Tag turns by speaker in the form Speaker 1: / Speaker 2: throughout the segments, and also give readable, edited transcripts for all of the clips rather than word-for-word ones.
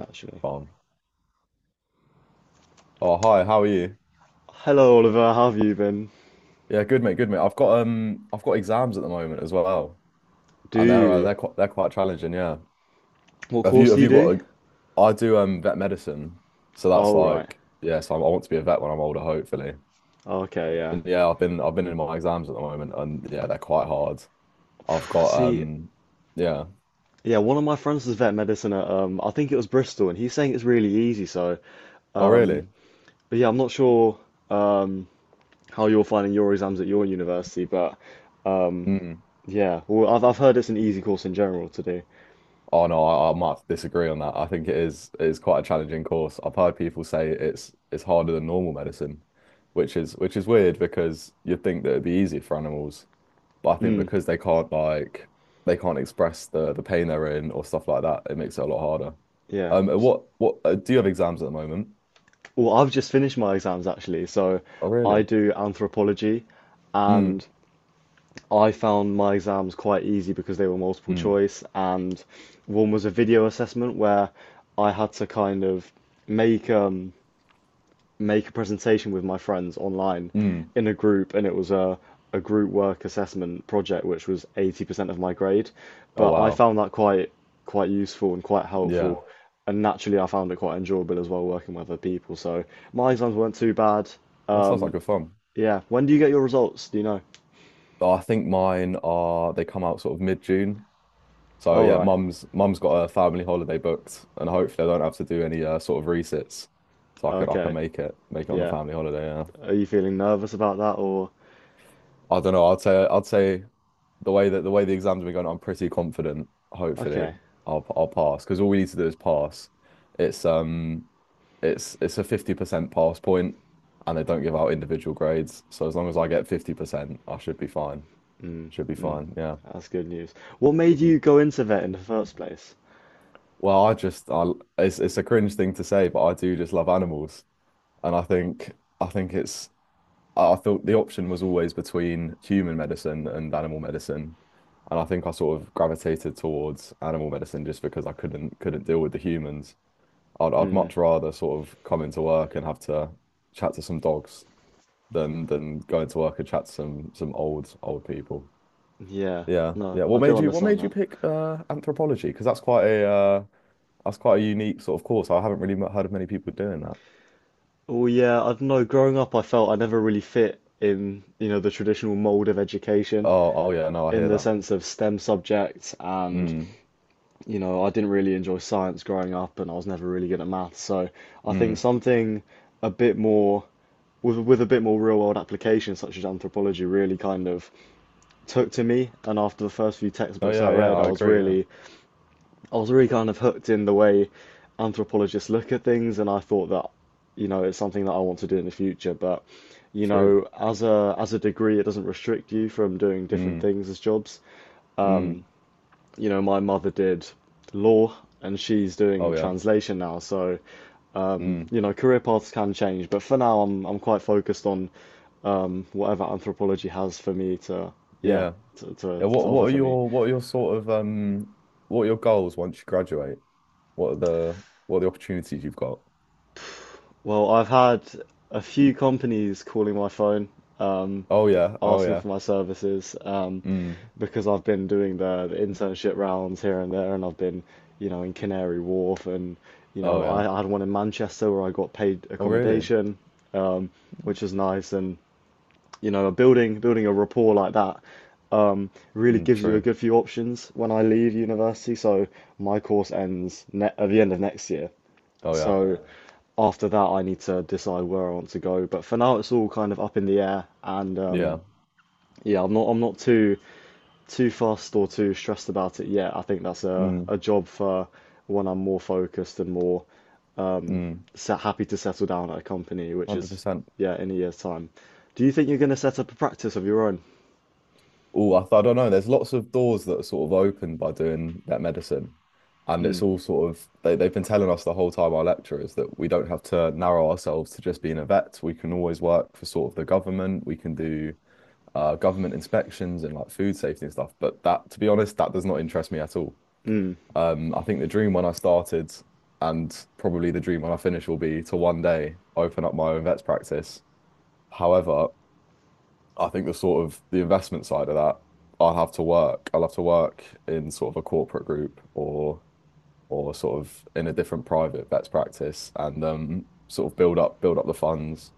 Speaker 1: Actually.
Speaker 2: Fine. Oh, hi, how are you?
Speaker 1: Hello, Oliver. How have you been?
Speaker 2: Yeah, good mate, good mate. I've got exams at the moment as well.
Speaker 1: Do
Speaker 2: And
Speaker 1: you?
Speaker 2: they're quite challenging, yeah.
Speaker 1: What course do
Speaker 2: Have
Speaker 1: you
Speaker 2: you
Speaker 1: do?
Speaker 2: got a, I do vet medicine. So that's
Speaker 1: Oh, right.
Speaker 2: like yeah, so I want to be a vet when I'm older, hopefully.
Speaker 1: Okay, yeah.
Speaker 2: And yeah, I've been in my exams at the moment and yeah, they're quite hard. I've got
Speaker 1: See,
Speaker 2: yeah.
Speaker 1: yeah, one of my friends was vet medicine at, I think it was Bristol, and he's saying it's really easy.
Speaker 2: Oh
Speaker 1: Um,
Speaker 2: really?
Speaker 1: but yeah, I'm not sure, um, how you're finding your exams at your university, but, um,
Speaker 2: Mm.
Speaker 1: yeah, well, I've heard it's an easy course in general to do.
Speaker 2: Oh no, I might have to disagree on that. I think it is quite a challenging course. I've heard people say it's harder than normal medicine, which is weird because you'd think that it'd be easier for animals, but I think
Speaker 1: Mm,
Speaker 2: because they can't like they can't express the pain they're in or stuff like that, it makes it a lot harder.
Speaker 1: yeah.
Speaker 2: What Do you have exams at the moment?
Speaker 1: Well, I've just finished my exams actually, so
Speaker 2: Oh
Speaker 1: I
Speaker 2: really?
Speaker 1: do anthropology,
Speaker 2: Mm,
Speaker 1: and I found my exams quite easy because they were multiple
Speaker 2: mm,
Speaker 1: choice, and one was a video assessment where I had to kind of make make a presentation with my friends online
Speaker 2: mm.
Speaker 1: in a group, and it was a group work assessment project which was 80% of my grade.
Speaker 2: Oh
Speaker 1: But I
Speaker 2: wow,
Speaker 1: found that quite useful and quite
Speaker 2: yeah,
Speaker 1: helpful, and naturally I found it quite enjoyable as well working with other people. So my exams weren't too bad.
Speaker 2: that sounds like
Speaker 1: Um,
Speaker 2: good fun.
Speaker 1: yeah. When do you get your results? Do you know?
Speaker 2: I think mine are they come out sort of mid-June. So
Speaker 1: Oh,
Speaker 2: yeah,
Speaker 1: right.
Speaker 2: mum's got a family holiday booked, and hopefully I don't have to do any sort of resits, so I can
Speaker 1: Okay.
Speaker 2: make it on the
Speaker 1: Yeah.
Speaker 2: family holiday. Yeah,
Speaker 1: Are you feeling nervous about that, or
Speaker 2: I don't know. I'd say the way that the way the exams have been going, I'm pretty confident. Hopefully,
Speaker 1: okay?
Speaker 2: I'll pass because all we need to do is pass. It's um, it's it's a 50% pass point, and they don't give out individual grades. So as long as I get 50%, I should be fine.
Speaker 1: Mm,
Speaker 2: Should be
Speaker 1: mm.
Speaker 2: fine. Yeah.
Speaker 1: That's good news. What made
Speaker 2: Mm.
Speaker 1: you go into vet in the first place?
Speaker 2: Well, I it's a cringe thing to say, but I do just love animals. And I think it's I thought the option was always between human medicine and animal medicine. And I think I sort of gravitated towards animal medicine just because I couldn't deal with the humans. I'd
Speaker 1: Mm,
Speaker 2: much rather sort of come into work and have to chat to some dogs than go into work and chat to some old old people.
Speaker 1: yeah,
Speaker 2: Yeah.
Speaker 1: no,
Speaker 2: Yeah.
Speaker 1: I do
Speaker 2: What
Speaker 1: understand
Speaker 2: made you
Speaker 1: that.
Speaker 2: pick anthropology? Because that's quite a unique sort of course. I haven't really heard of many people doing that.
Speaker 1: Oh, yeah, I don't know. Growing up, I felt I never really fit in, you know, the traditional mold of education
Speaker 2: Oh, oh yeah, no, I
Speaker 1: in
Speaker 2: hear
Speaker 1: the
Speaker 2: that.
Speaker 1: sense of STEM subjects, and
Speaker 2: Mm.
Speaker 1: you know, I didn't really enjoy science growing up, and I was never really good at maths. So I think
Speaker 2: Mm.
Speaker 1: something a bit more with a bit more real world application, such as anthropology, really kind of took to me, and after the first few
Speaker 2: Oh
Speaker 1: textbooks I
Speaker 2: yeah, yeah,
Speaker 1: read,
Speaker 2: I agree. Yeah,
Speaker 1: I was really kind of hooked in the way anthropologists look at things, and I thought that, you know, it's something that I want to do in the future. But, you
Speaker 2: true.
Speaker 1: know, as a degree, it doesn't restrict you from doing different
Speaker 2: Mm.
Speaker 1: things as jobs.
Speaker 2: Mm.
Speaker 1: You know, my mother did law, and she's doing
Speaker 2: Oh yeah.
Speaker 1: translation now, so
Speaker 2: Mm.
Speaker 1: you know, career paths can change. But for now, I'm quite focused on whatever anthropology has for me to, yeah,
Speaker 2: Yeah. Yeah.
Speaker 1: to offer for me.
Speaker 2: What are your sort of What are your goals once you graduate? What are the opportunities you've got?
Speaker 1: Well, I've had a few companies calling my phone, um,
Speaker 2: Oh yeah. Oh
Speaker 1: asking
Speaker 2: yeah.
Speaker 1: for my services,
Speaker 2: Mm.
Speaker 1: because I've been doing the internship rounds here and there, and I've been, you know, in Canary Wharf, and you know,
Speaker 2: Oh yeah.
Speaker 1: I had one in Manchester where I got paid
Speaker 2: Oh really?
Speaker 1: accommodation, which was nice, and you know, building a rapport like that, really
Speaker 2: Mm,
Speaker 1: gives you a
Speaker 2: true.
Speaker 1: good few options when I leave university. So my course ends ne at the end of next year.
Speaker 2: Oh yeah.
Speaker 1: So after that, I need to decide where I want to go. But for now, it's all kind of up in the air, and
Speaker 2: Yeah.
Speaker 1: yeah, I'm not too fussed or too stressed about it yet. I think that's a
Speaker 2: Mm.
Speaker 1: a job for when I'm more focused and more
Speaker 2: Mm.
Speaker 1: set, happy to settle down at a company, which is
Speaker 2: 100%.
Speaker 1: yeah, in a year's time. Do you think you're going to set up a practice of your own?
Speaker 2: Oh, I don't know. There's lots of doors that are sort of opened by doing that medicine. And it's
Speaker 1: Mm,
Speaker 2: all sort of, they've been telling us the whole time, our lecturers, that we don't have to narrow ourselves to just being a vet. We can always work for sort of the government. We can do government inspections and like food safety and stuff. But that, to be honest, that does not interest me at all.
Speaker 1: mm,
Speaker 2: I think the dream when I started and probably the dream when I finish will be to one day open up my own vet's practice. However, I think the sort of the investment side of that, I'll have to work in sort of a corporate group or sort of in a different private vets practice and sort of build up the funds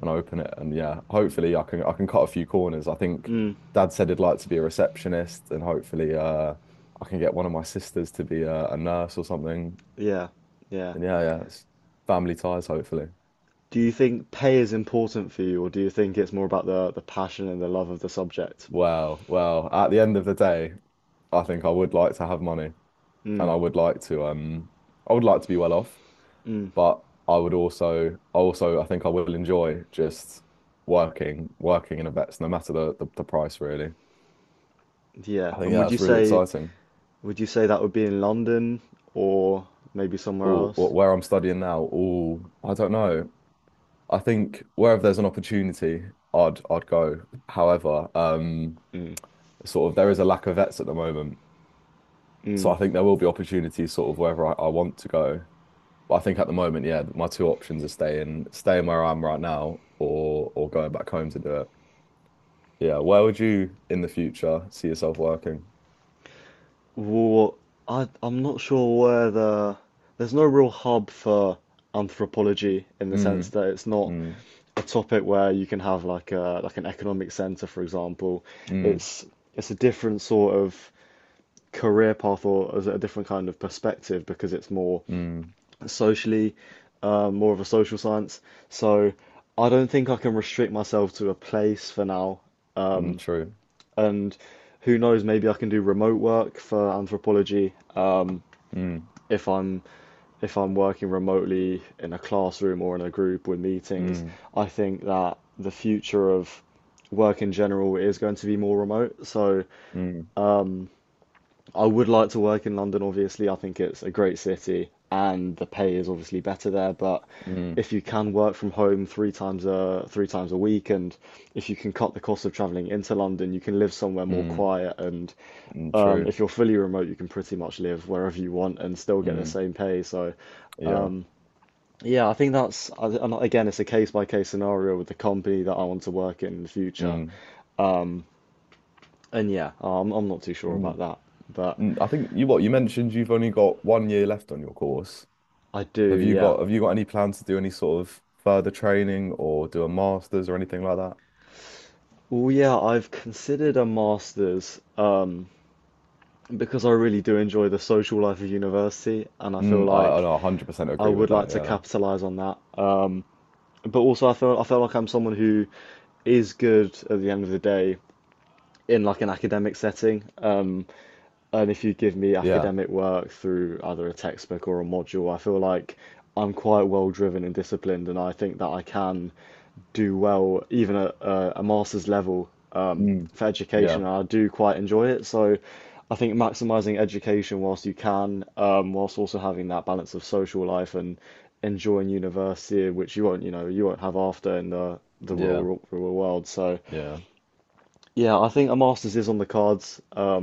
Speaker 2: and open it. And yeah, hopefully I can cut a few corners. I think
Speaker 1: mm.
Speaker 2: Dad said he'd like to be a receptionist and hopefully I can get one of my sisters to be a nurse or something.
Speaker 1: Yeah, yeah.
Speaker 2: And yeah, yeah, it's family ties hopefully.
Speaker 1: Do you think pay is important for you, or do you think it's more about the passion and the love of the subject?
Speaker 2: Well, at the end of the day, I think I would like to have money. And
Speaker 1: Mm,
Speaker 2: I would like to I would like to be well off,
Speaker 1: mm.
Speaker 2: but I would also I think I will enjoy just working in a vets no matter the price really.
Speaker 1: Yeah.
Speaker 2: I think
Speaker 1: And
Speaker 2: yeah,
Speaker 1: would you
Speaker 2: that's really
Speaker 1: say
Speaker 2: exciting.
Speaker 1: that would be in London or maybe somewhere
Speaker 2: Oh,
Speaker 1: else?
Speaker 2: where I'm studying now, oh, I don't know. I think wherever there's an opportunity, I'd go. However,
Speaker 1: Mm.
Speaker 2: sort of there is a lack of vets at the moment. So
Speaker 1: Mm.
Speaker 2: I think there will be opportunities sort of wherever I want to go. But I think at the moment, yeah, my two options are staying where I am right now or going back home to do it. Yeah, where would you in the future see yourself working?
Speaker 1: Well, I'm not sure where there's no real hub for anthropology in the sense
Speaker 2: Mm,
Speaker 1: that it's not
Speaker 2: mm,
Speaker 1: a topic where you can have like a like an economic center, for example.
Speaker 2: mm,
Speaker 1: It's it's a different sort of career path, or is it a different kind of perspective because it's more
Speaker 2: mm,
Speaker 1: socially, more of a social science. So I don't think I can restrict myself to a place for now.
Speaker 2: mm, true.
Speaker 1: And who knows, maybe I can do remote work for anthropology
Speaker 2: Mm,
Speaker 1: if I'm working remotely in a classroom or in a group with meetings.
Speaker 2: mm,
Speaker 1: I think that the future of work in general is going to be more remote. So
Speaker 2: mm,
Speaker 1: I would like to work in London, obviously. I think it's a great city and the pay is obviously better there. But
Speaker 2: mm,
Speaker 1: if you can work from home three times a week, and if you can cut the cost of traveling into London, you can live somewhere more
Speaker 2: mm,
Speaker 1: quiet, and
Speaker 2: mm, true.
Speaker 1: if you're fully remote, you can pretty much live wherever you want and still get the
Speaker 2: Mm,
Speaker 1: same pay. So
Speaker 2: yeah.
Speaker 1: yeah, I think that's, and again, it's a case by case scenario with the company that I want to work in the future.
Speaker 2: Mm,
Speaker 1: And yeah, I'm not too sure about
Speaker 2: mm,
Speaker 1: that, but
Speaker 2: mm. I think you what you mentioned you've only got 1 year left on your course.
Speaker 1: I do, yeah.
Speaker 2: Have you got any plans to do any sort of further training or do a master's or anything like that?
Speaker 1: Well, yeah, I've considered a master's, because I really do enjoy the social life of university, and I feel
Speaker 2: Mm, I
Speaker 1: like
Speaker 2: know 100%
Speaker 1: I
Speaker 2: agree
Speaker 1: would
Speaker 2: with
Speaker 1: like
Speaker 2: that.
Speaker 1: to
Speaker 2: Yeah.
Speaker 1: capitalize on that. But also, I feel like I'm someone who is good at the end of the day in like an academic setting. And if you give me
Speaker 2: Yeah.
Speaker 1: academic work through either a textbook or a module, I feel like I'm quite well driven and disciplined, and I think that I can do well even at a master's level,
Speaker 2: Mm,
Speaker 1: for education,
Speaker 2: yeah.
Speaker 1: and I do quite enjoy it. So I think maximizing education whilst you can, whilst also having that balance of social life and enjoying university, which you won't, you know, you won't have after in the
Speaker 2: Yeah.
Speaker 1: real world. So
Speaker 2: Yeah.
Speaker 1: yeah, I think a master's is on the cards.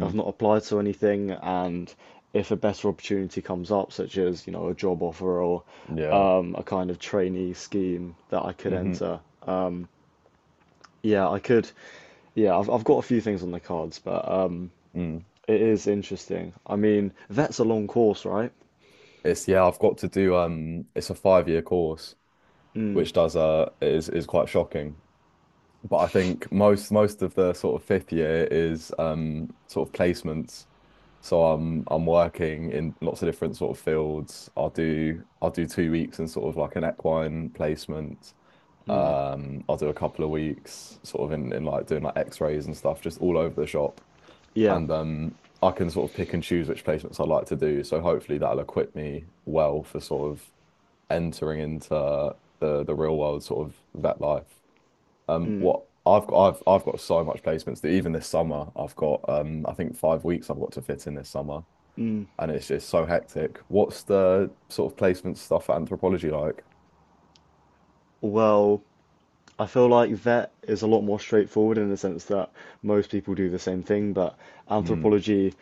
Speaker 1: I've not applied to anything, and if a better opportunity comes up, such as you know a job offer or
Speaker 2: yeah.
Speaker 1: a kind of trainee scheme that I could
Speaker 2: Hmm.
Speaker 1: enter, yeah, I could. Yeah, I've got a few things on the cards, but
Speaker 2: Mm.
Speaker 1: it is interesting. I mean, that's a long course, right?
Speaker 2: It's yeah, I've got to do it's a five-year course,
Speaker 1: Mm,
Speaker 2: which does is quite shocking. But I think most of the sort of fifth year is sort of placements. So I'm working in lots of different sort of fields. I'll do 2 weeks in sort of like an equine placement.
Speaker 1: mm,
Speaker 2: I'll do a couple of weeks sort of in like doing like x-rays and stuff, just all over the shop.
Speaker 1: yeah,
Speaker 2: And I can sort of pick and choose which placements I like to do. So hopefully that'll equip me well for sort of entering into the real world sort of vet life.
Speaker 1: mm,
Speaker 2: I've got so much placements that even this summer I've got I think 5 weeks I've got to fit in this summer,
Speaker 1: mm.
Speaker 2: and it's just so hectic. What's the sort of placement stuff at anthropology like?
Speaker 1: Well, I feel like vet is a lot more straightforward in the sense that most people do the same thing, but
Speaker 2: Mm,
Speaker 1: anthropology,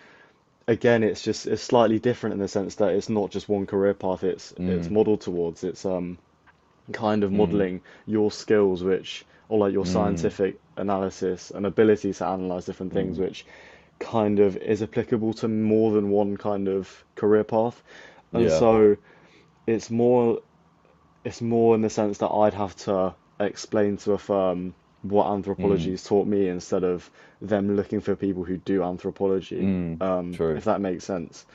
Speaker 1: again, it's just it's slightly different in the sense that it's not just one career path it's
Speaker 2: mm,
Speaker 1: modeled towards. It's kind of
Speaker 2: mm,
Speaker 1: modeling your skills, which, or like your
Speaker 2: mm,
Speaker 1: scientific analysis and ability to analyze different things,
Speaker 2: mm.
Speaker 1: which kind of is applicable to more than one kind of career path. And
Speaker 2: Yeah.
Speaker 1: so it's more it's more in the sense that I'd have to explain to a firm what anthropology
Speaker 2: Mm.
Speaker 1: has taught me instead of them looking for people who do anthropology,
Speaker 2: Mm.
Speaker 1: if
Speaker 2: True.
Speaker 1: that makes sense.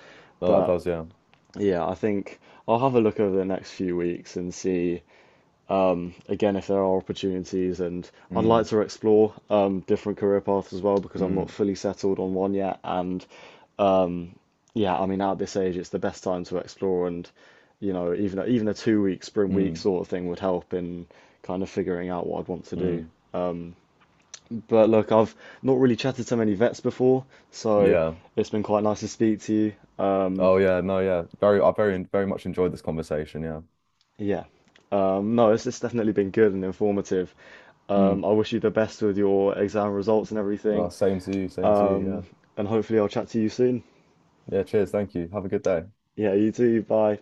Speaker 2: No, that
Speaker 1: But
Speaker 2: does, yeah.
Speaker 1: yeah, I think I'll have a look over the next few weeks and see again, if there are opportunities, and I'd like
Speaker 2: Mm.
Speaker 1: to explore, different career paths as well because I'm
Speaker 2: Mm.
Speaker 1: not fully settled on one yet. And um, yeah, I mean, at this age, it's the best time to explore, and you know, even a two-week spring week
Speaker 2: Mm.
Speaker 1: sort of thing would help in kind of figuring out what I'd want to do.
Speaker 2: Mm.
Speaker 1: But look, I've not really chatted to many vets before, so
Speaker 2: Yeah.
Speaker 1: it's been quite nice to speak to you.
Speaker 2: Oh yeah, no, yeah. Very very much enjoyed this conversation, yeah.
Speaker 1: Yeah, no, it's definitely been good and informative.
Speaker 2: Mm.
Speaker 1: I wish you the best with your exam results and
Speaker 2: No,
Speaker 1: everything,
Speaker 2: same to you, yeah.
Speaker 1: and hopefully I'll chat to you soon.
Speaker 2: Yeah, cheers, thank you. Have a good day.
Speaker 1: Yeah, you too. Bye.